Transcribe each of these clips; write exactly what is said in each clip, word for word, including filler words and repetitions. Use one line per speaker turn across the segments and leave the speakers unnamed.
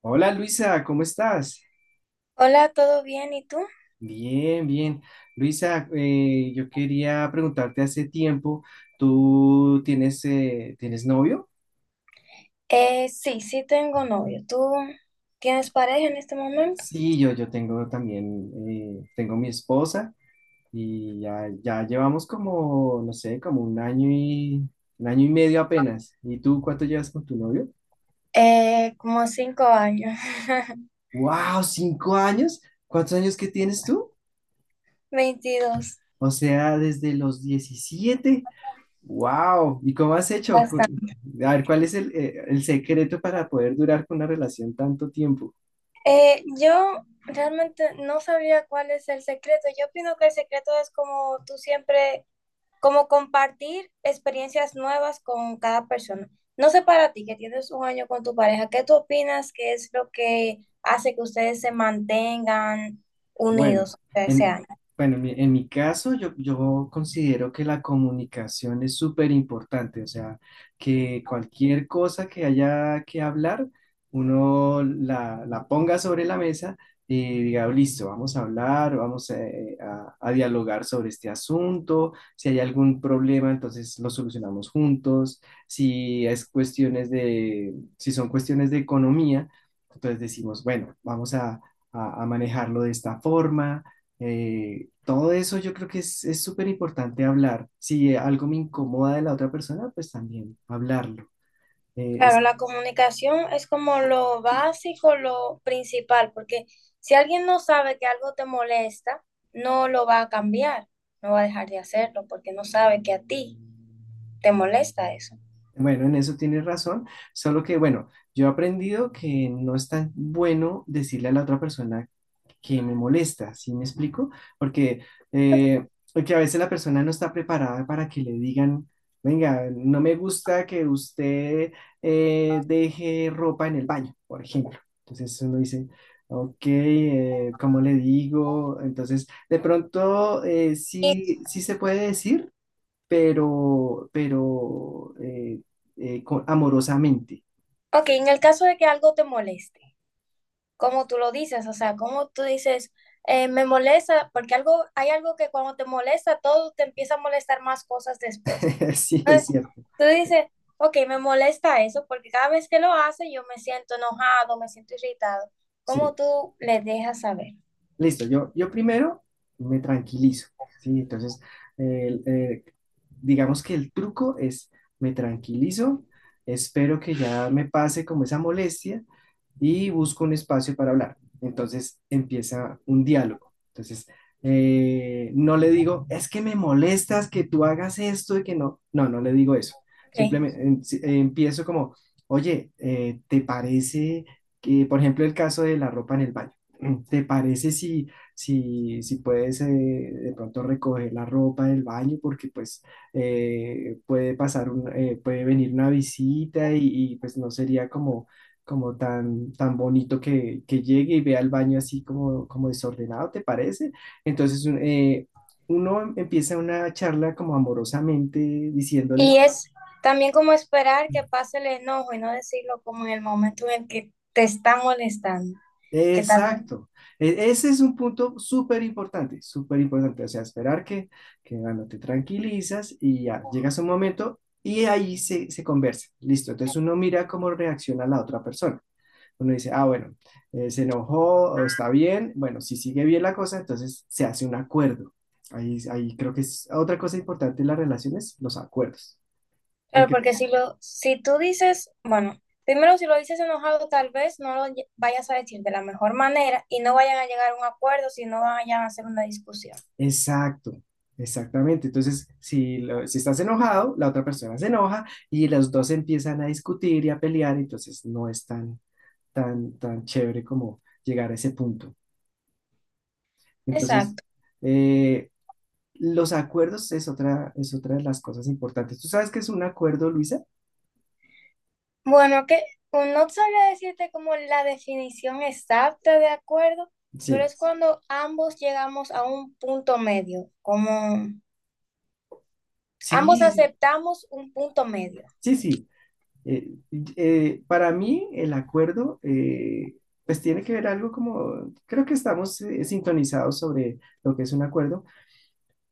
Hola, Luisa, ¿cómo estás?
Hola, ¿todo bien? ¿Y tú?
Bien, bien. Luisa, eh, yo quería preguntarte hace tiempo, ¿tú tienes, eh, ¿tienes novio?
Eh, sí, sí tengo novio. ¿Tú tienes pareja en este momento?
Sí, yo, yo tengo también, eh, tengo mi esposa y ya, ya llevamos como, no sé, como un año y, un año y medio apenas. ¿Y tú cuánto llevas con tu novio?
Eh, como cinco años.
¡Wow! ¿Cinco años? ¿Cuántos años que tienes tú?
Veintidós.
O sea, desde los diecisiete. Wow, ¿y cómo has hecho? Cu-
Bastante.
A ver, ¿cuál es el, eh, el secreto para poder durar con una relación tanto tiempo?
Eh, yo realmente no sabía cuál es el secreto. Yo opino que el secreto es como tú siempre, como compartir experiencias nuevas con cada persona. No sé, para ti que tienes un año con tu pareja, ¿qué tú opinas que es lo que hace que ustedes se mantengan unidos?
Bueno,
O sea, ¿ese
en,
año?
bueno, en mi, en mi caso yo, yo considero que la comunicación es súper importante, o sea, que cualquier cosa que haya que hablar, uno la, la ponga sobre la mesa y diga, listo, vamos a hablar, vamos eh, a, a dialogar sobre este asunto. Si hay algún problema, entonces lo solucionamos juntos. Si es cuestiones de, si son cuestiones de economía, entonces decimos, bueno, vamos a, a manejarlo de esta forma. Eh, todo eso yo creo que es, es súper importante hablar. Si algo me incomoda de la otra persona, pues también hablarlo. Eh,
Claro,
es,
la comunicación es como lo básico, lo principal, porque si alguien no sabe que algo te molesta, no lo va a cambiar, no va a dejar de hacerlo, porque no sabe que a ti te molesta eso.
bueno, en eso tienes razón, solo que bueno, yo he aprendido que no es tan bueno decirle a la otra persona que me molesta, ¿sí me explico? Porque, eh, porque a veces la persona no está preparada para que le digan, venga, no me gusta que usted eh, deje ropa en el baño, por ejemplo. Entonces uno dice, ok, eh, ¿cómo le digo? Entonces, de pronto eh,
Y,
sí, sí se puede decir, pero, pero eh, eh, co- amorosamente.
ok, en el caso de que algo te moleste, ¿cómo tú lo dices? O sea, ¿cómo tú dices, eh, me molesta? Porque algo, hay algo que cuando te molesta, todo te empieza a molestar más cosas después.
Sí, es
Eh,
cierto.
Tú dices, ok, me molesta eso porque cada vez que lo hace yo me siento enojado, me siento irritado. ¿Cómo
Sí.
tú le dejas saber?
Listo, yo, yo primero me tranquilizo, ¿sí? Entonces, el- eh, digamos que el truco es, me tranquilizo, espero que ya me pase como esa molestia y busco un espacio para hablar. Entonces empieza un diálogo. Entonces, eh, no le digo, es que me molestas que tú hagas esto y que no, no, no le digo eso.
Ok.
Simplemente em- si- eh, empiezo como, oye, eh, ¿te parece que, por ejemplo, el caso de la ropa en el baño? ¿Te parece si, si, si puedes eh, de pronto recoger la ropa del baño? Porque pues eh, puede pasar un, eh, puede venir una visita y, y, pues no sería como, como tan, tan bonito que, que llegue y vea el baño así como, como desordenado, ¿te parece? Entonces un- eh, uno empieza una charla como amorosamente diciéndole...
Y es también como esperar que pase el enojo y no decirlo como en el momento en el que te está molestando, que tal vez.
Exacto. E- Ese es un punto súper importante, súper importante. O sea, esperar que, que bueno, te tranquilizas y ya llegas a un momento y ahí se, se conversa. Listo. Entonces uno mira cómo reacciona la otra persona. Uno dice, ah, bueno, eh, se enojó o está bien. Bueno, si sigue bien la cosa, entonces se hace un acuerdo. Ahí, ahí creo que es otra cosa importante en las relaciones, los acuerdos. ¿Qué
Claro,
crees?
porque si lo, si tú dices, bueno, primero si lo dices enojado, tal vez no lo lle- vayas a decir de la mejor manera y no vayan a llegar a un acuerdo, si no vayan a hacer una discusión.
Exacto, exactamente. Entonces, si, lo- si estás enojado, la otra persona se enoja y los dos empiezan a discutir y a pelear, entonces no es tan, tan, tan chévere como llegar a ese punto. Entonces,
Exacto.
eh, los acuerdos es otra, es otra de las cosas importantes. ¿Tú sabes qué es un acuerdo, Luisa?
Bueno, que o no sabría decirte como la definición exacta de acuerdo, pero
Sí,
es cuando ambos llegamos a un punto medio, como ambos
sí, sí,
aceptamos un punto medio.
sí, sí. Eh, eh, para mí, el acuerdo, eh, pues tiene que ver algo como, creo que estamos eh, sintonizados sobre lo que es un acuerdo.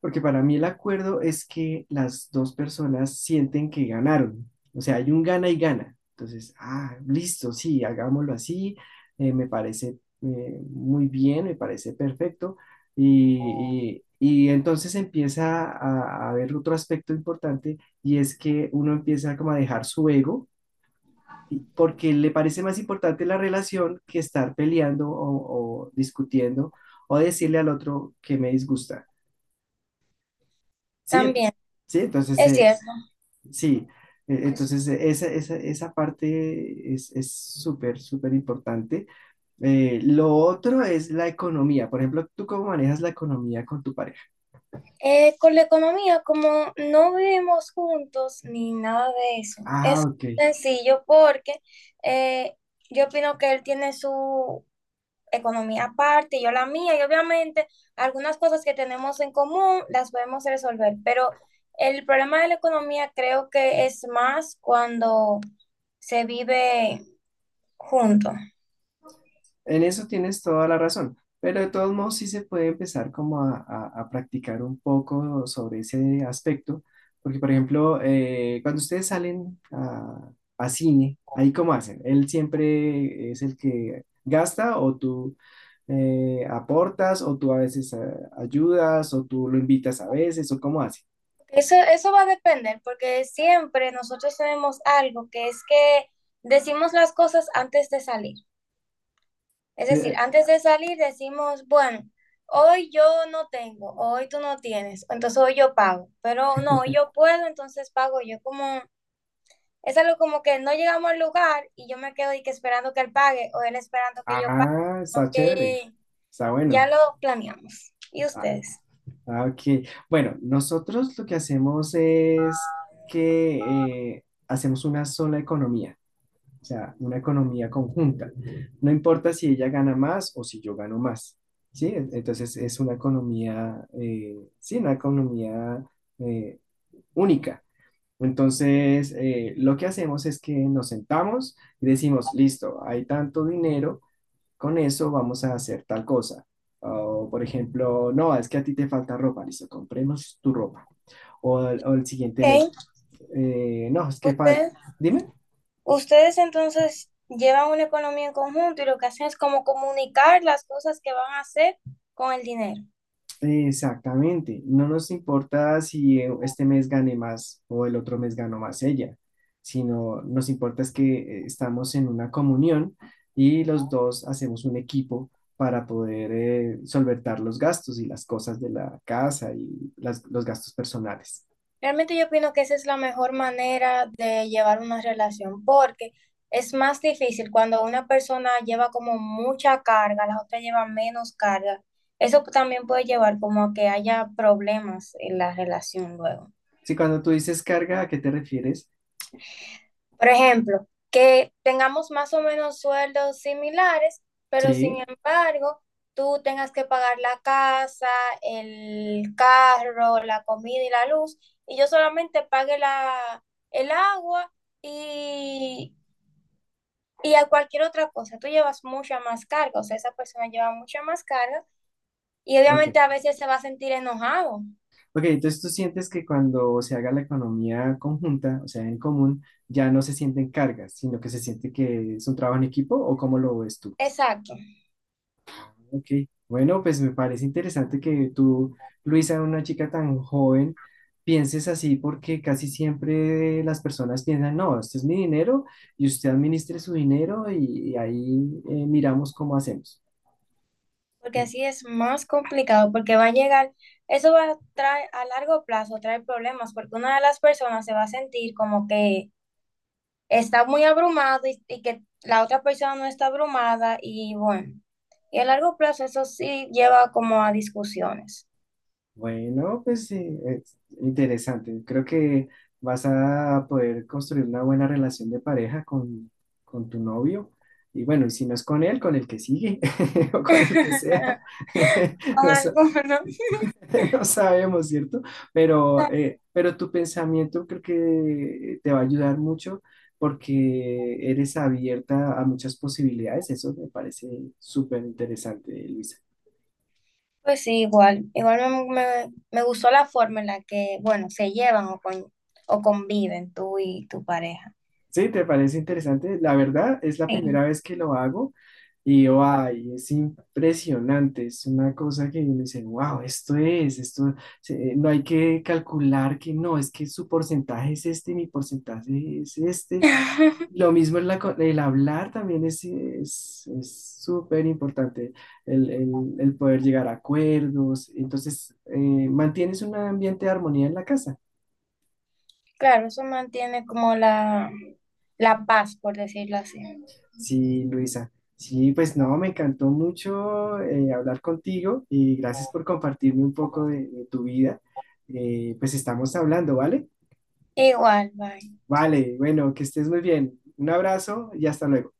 Porque para mí el acuerdo es que las dos personas sienten que ganaron. O sea, hay un gana y gana. Entonces, ah, listo, sí, hagámoslo así. eh, me parece eh, muy bien, me parece perfecto. Y, y- y entonces empieza a, a haber otro aspecto importante, y es que uno empieza como a dejar su ego y- porque le parece más importante la relación que estar peleando o o discutiendo o decirle al otro que me disgusta. Sí, ent-
También,
sí, entonces,
es
eh,
cierto.
sí, eh, entonces eh, esa, esa, esa parte es, es súper, súper importante. Eh, lo otro es la economía. Por ejemplo, ¿tú cómo manejas la economía con tu pareja?
Eh, con la economía, como no vivimos juntos ni nada de eso,
Ah,
es
ok.
sencillo porque eh, yo opino que él tiene su economía aparte, yo la mía, y obviamente algunas cosas que tenemos en común las podemos resolver, pero el problema de la economía creo que es más cuando se vive junto.
En eso tienes toda la razón, pero de todos modos sí se puede empezar como a, a- a practicar un poco sobre ese aspecto, porque por ejemplo, eh, cuando ustedes salen a, a cine, ahí cómo hacen, él siempre es el que gasta o tú eh, aportas o tú a veces eh, ayudas o tú lo invitas a veces o cómo hace.
Eso, eso va a depender, porque siempre nosotros tenemos algo que es que decimos las cosas antes de salir. Es decir,
Eh,
antes de salir decimos, bueno, hoy yo no tengo, hoy tú no tienes, entonces hoy yo pago, pero no, hoy yo puedo, entonces pago yo como. Es algo como que no llegamos al lugar y yo me quedo y que esperando que él pague o él esperando que yo pague.
ah, está chévere,
Eh,
está
ya
bueno.
lo planeamos. ¿Y ustedes?
Ah, ok, bueno, nosotros lo que hacemos es que eh, hacemos una sola economía, o sea, una economía conjunta. No importa si ella gana más o si yo gano más, ¿sí? En- Entonces es una economía, eh, sí, una economía eh, única. Entonces, eh, lo que hacemos es que nos sentamos y decimos, listo, hay tanto dinero, con eso vamos a hacer tal cosa. O, por ejemplo, no, es que a ti te falta ropa, listo, compremos tu ropa. O, o el siguiente
Okay,
mes, eh, no, es que, fal-
ustedes,
dime,
ustedes entonces llevan una economía en conjunto y lo que hacen es como comunicar las cosas que van a hacer con el dinero.
exactamente. No nos importa si eh, este mes gane más o el otro mes ganó más ella, sino nos importa es que eh, estamos en una comunión y los dos hacemos un equipo para poder eh, solventar los gastos y las cosas de la casa y las- los gastos personales.
Realmente yo opino que esa es la mejor manera de llevar una relación, porque es más difícil cuando una persona lleva como mucha carga, la otra lleva menos carga. Eso también puede llevar como a que haya problemas en la relación luego.
Sí, cuando tú dices carga, ¿a qué te refieres?
Por ejemplo, que tengamos más o menos sueldos similares, pero sin
Sí,
embargo, tú tengas que pagar la casa, el carro, la comida y la luz, y yo solamente pague la, el agua y, y a cualquier otra cosa. Tú llevas mucha más carga, o sea, esa persona lleva mucha más carga y
ok.
obviamente a veces se va a sentir enojado.
Ok, entonces tú sientes que cuando se haga la economía conjunta, o sea, en común, ya no se sienten cargas, sino que se siente que es un trabajo en equipo, ¿o cómo lo ves tú?
Exacto.
Ok, bueno, pues me parece interesante que tú, Luisa, una chica tan joven, pienses así, porque casi siempre las personas piensan, no, este es mi dinero y usted administre su dinero, y, y ahí eh, miramos cómo hacemos.
Porque así es más complicado, porque va a llegar, eso va a traer a largo plazo, traer problemas, porque una de las personas se va a sentir como que está muy abrumado y, y que la otra persona no está abrumada y bueno, y a largo plazo eso sí lleva como a discusiones.
Bueno, pues sí, es interesante. Creo que vas a poder construir una buena relación de pareja con, con tu novio. Y bueno, y si no es con él, con el que sigue o con el que sea.
Con
No sé,
algunos.
no sabemos, ¿cierto? Pero, eh, pero tu pensamiento creo que te va a ayudar mucho porque eres abierta a muchas posibilidades. Eso me parece súper interesante, Luisa.
Pues sí, igual, igual me, me- me gustó la forma en la que, bueno, se llevan o, con, o conviven tú y tu pareja.
Sí, ¿te parece interesante? La verdad, es la
Sí.
primera vez que lo hago y ay, es impresionante. Es una cosa que uno dice, wow, esto es, esto, se- no hay que calcular que no, es que su porcentaje es este, mi porcentaje es este. Lo mismo es la co- el hablar también es es es súper importante, el, el- el poder llegar a acuerdos. Entonces, eh, mantienes un ambiente de armonía en la casa.
Claro, eso mantiene como la, la paz, por decirlo así.
Sí, Luisa. Sí, pues no, me encantó mucho eh, hablar contigo, y gracias por compartirme un poco de, de tu vida. Eh, pues estamos hablando, ¿vale?
Igual, bye.
Vale, bueno, que estés muy bien. Un abrazo y hasta luego.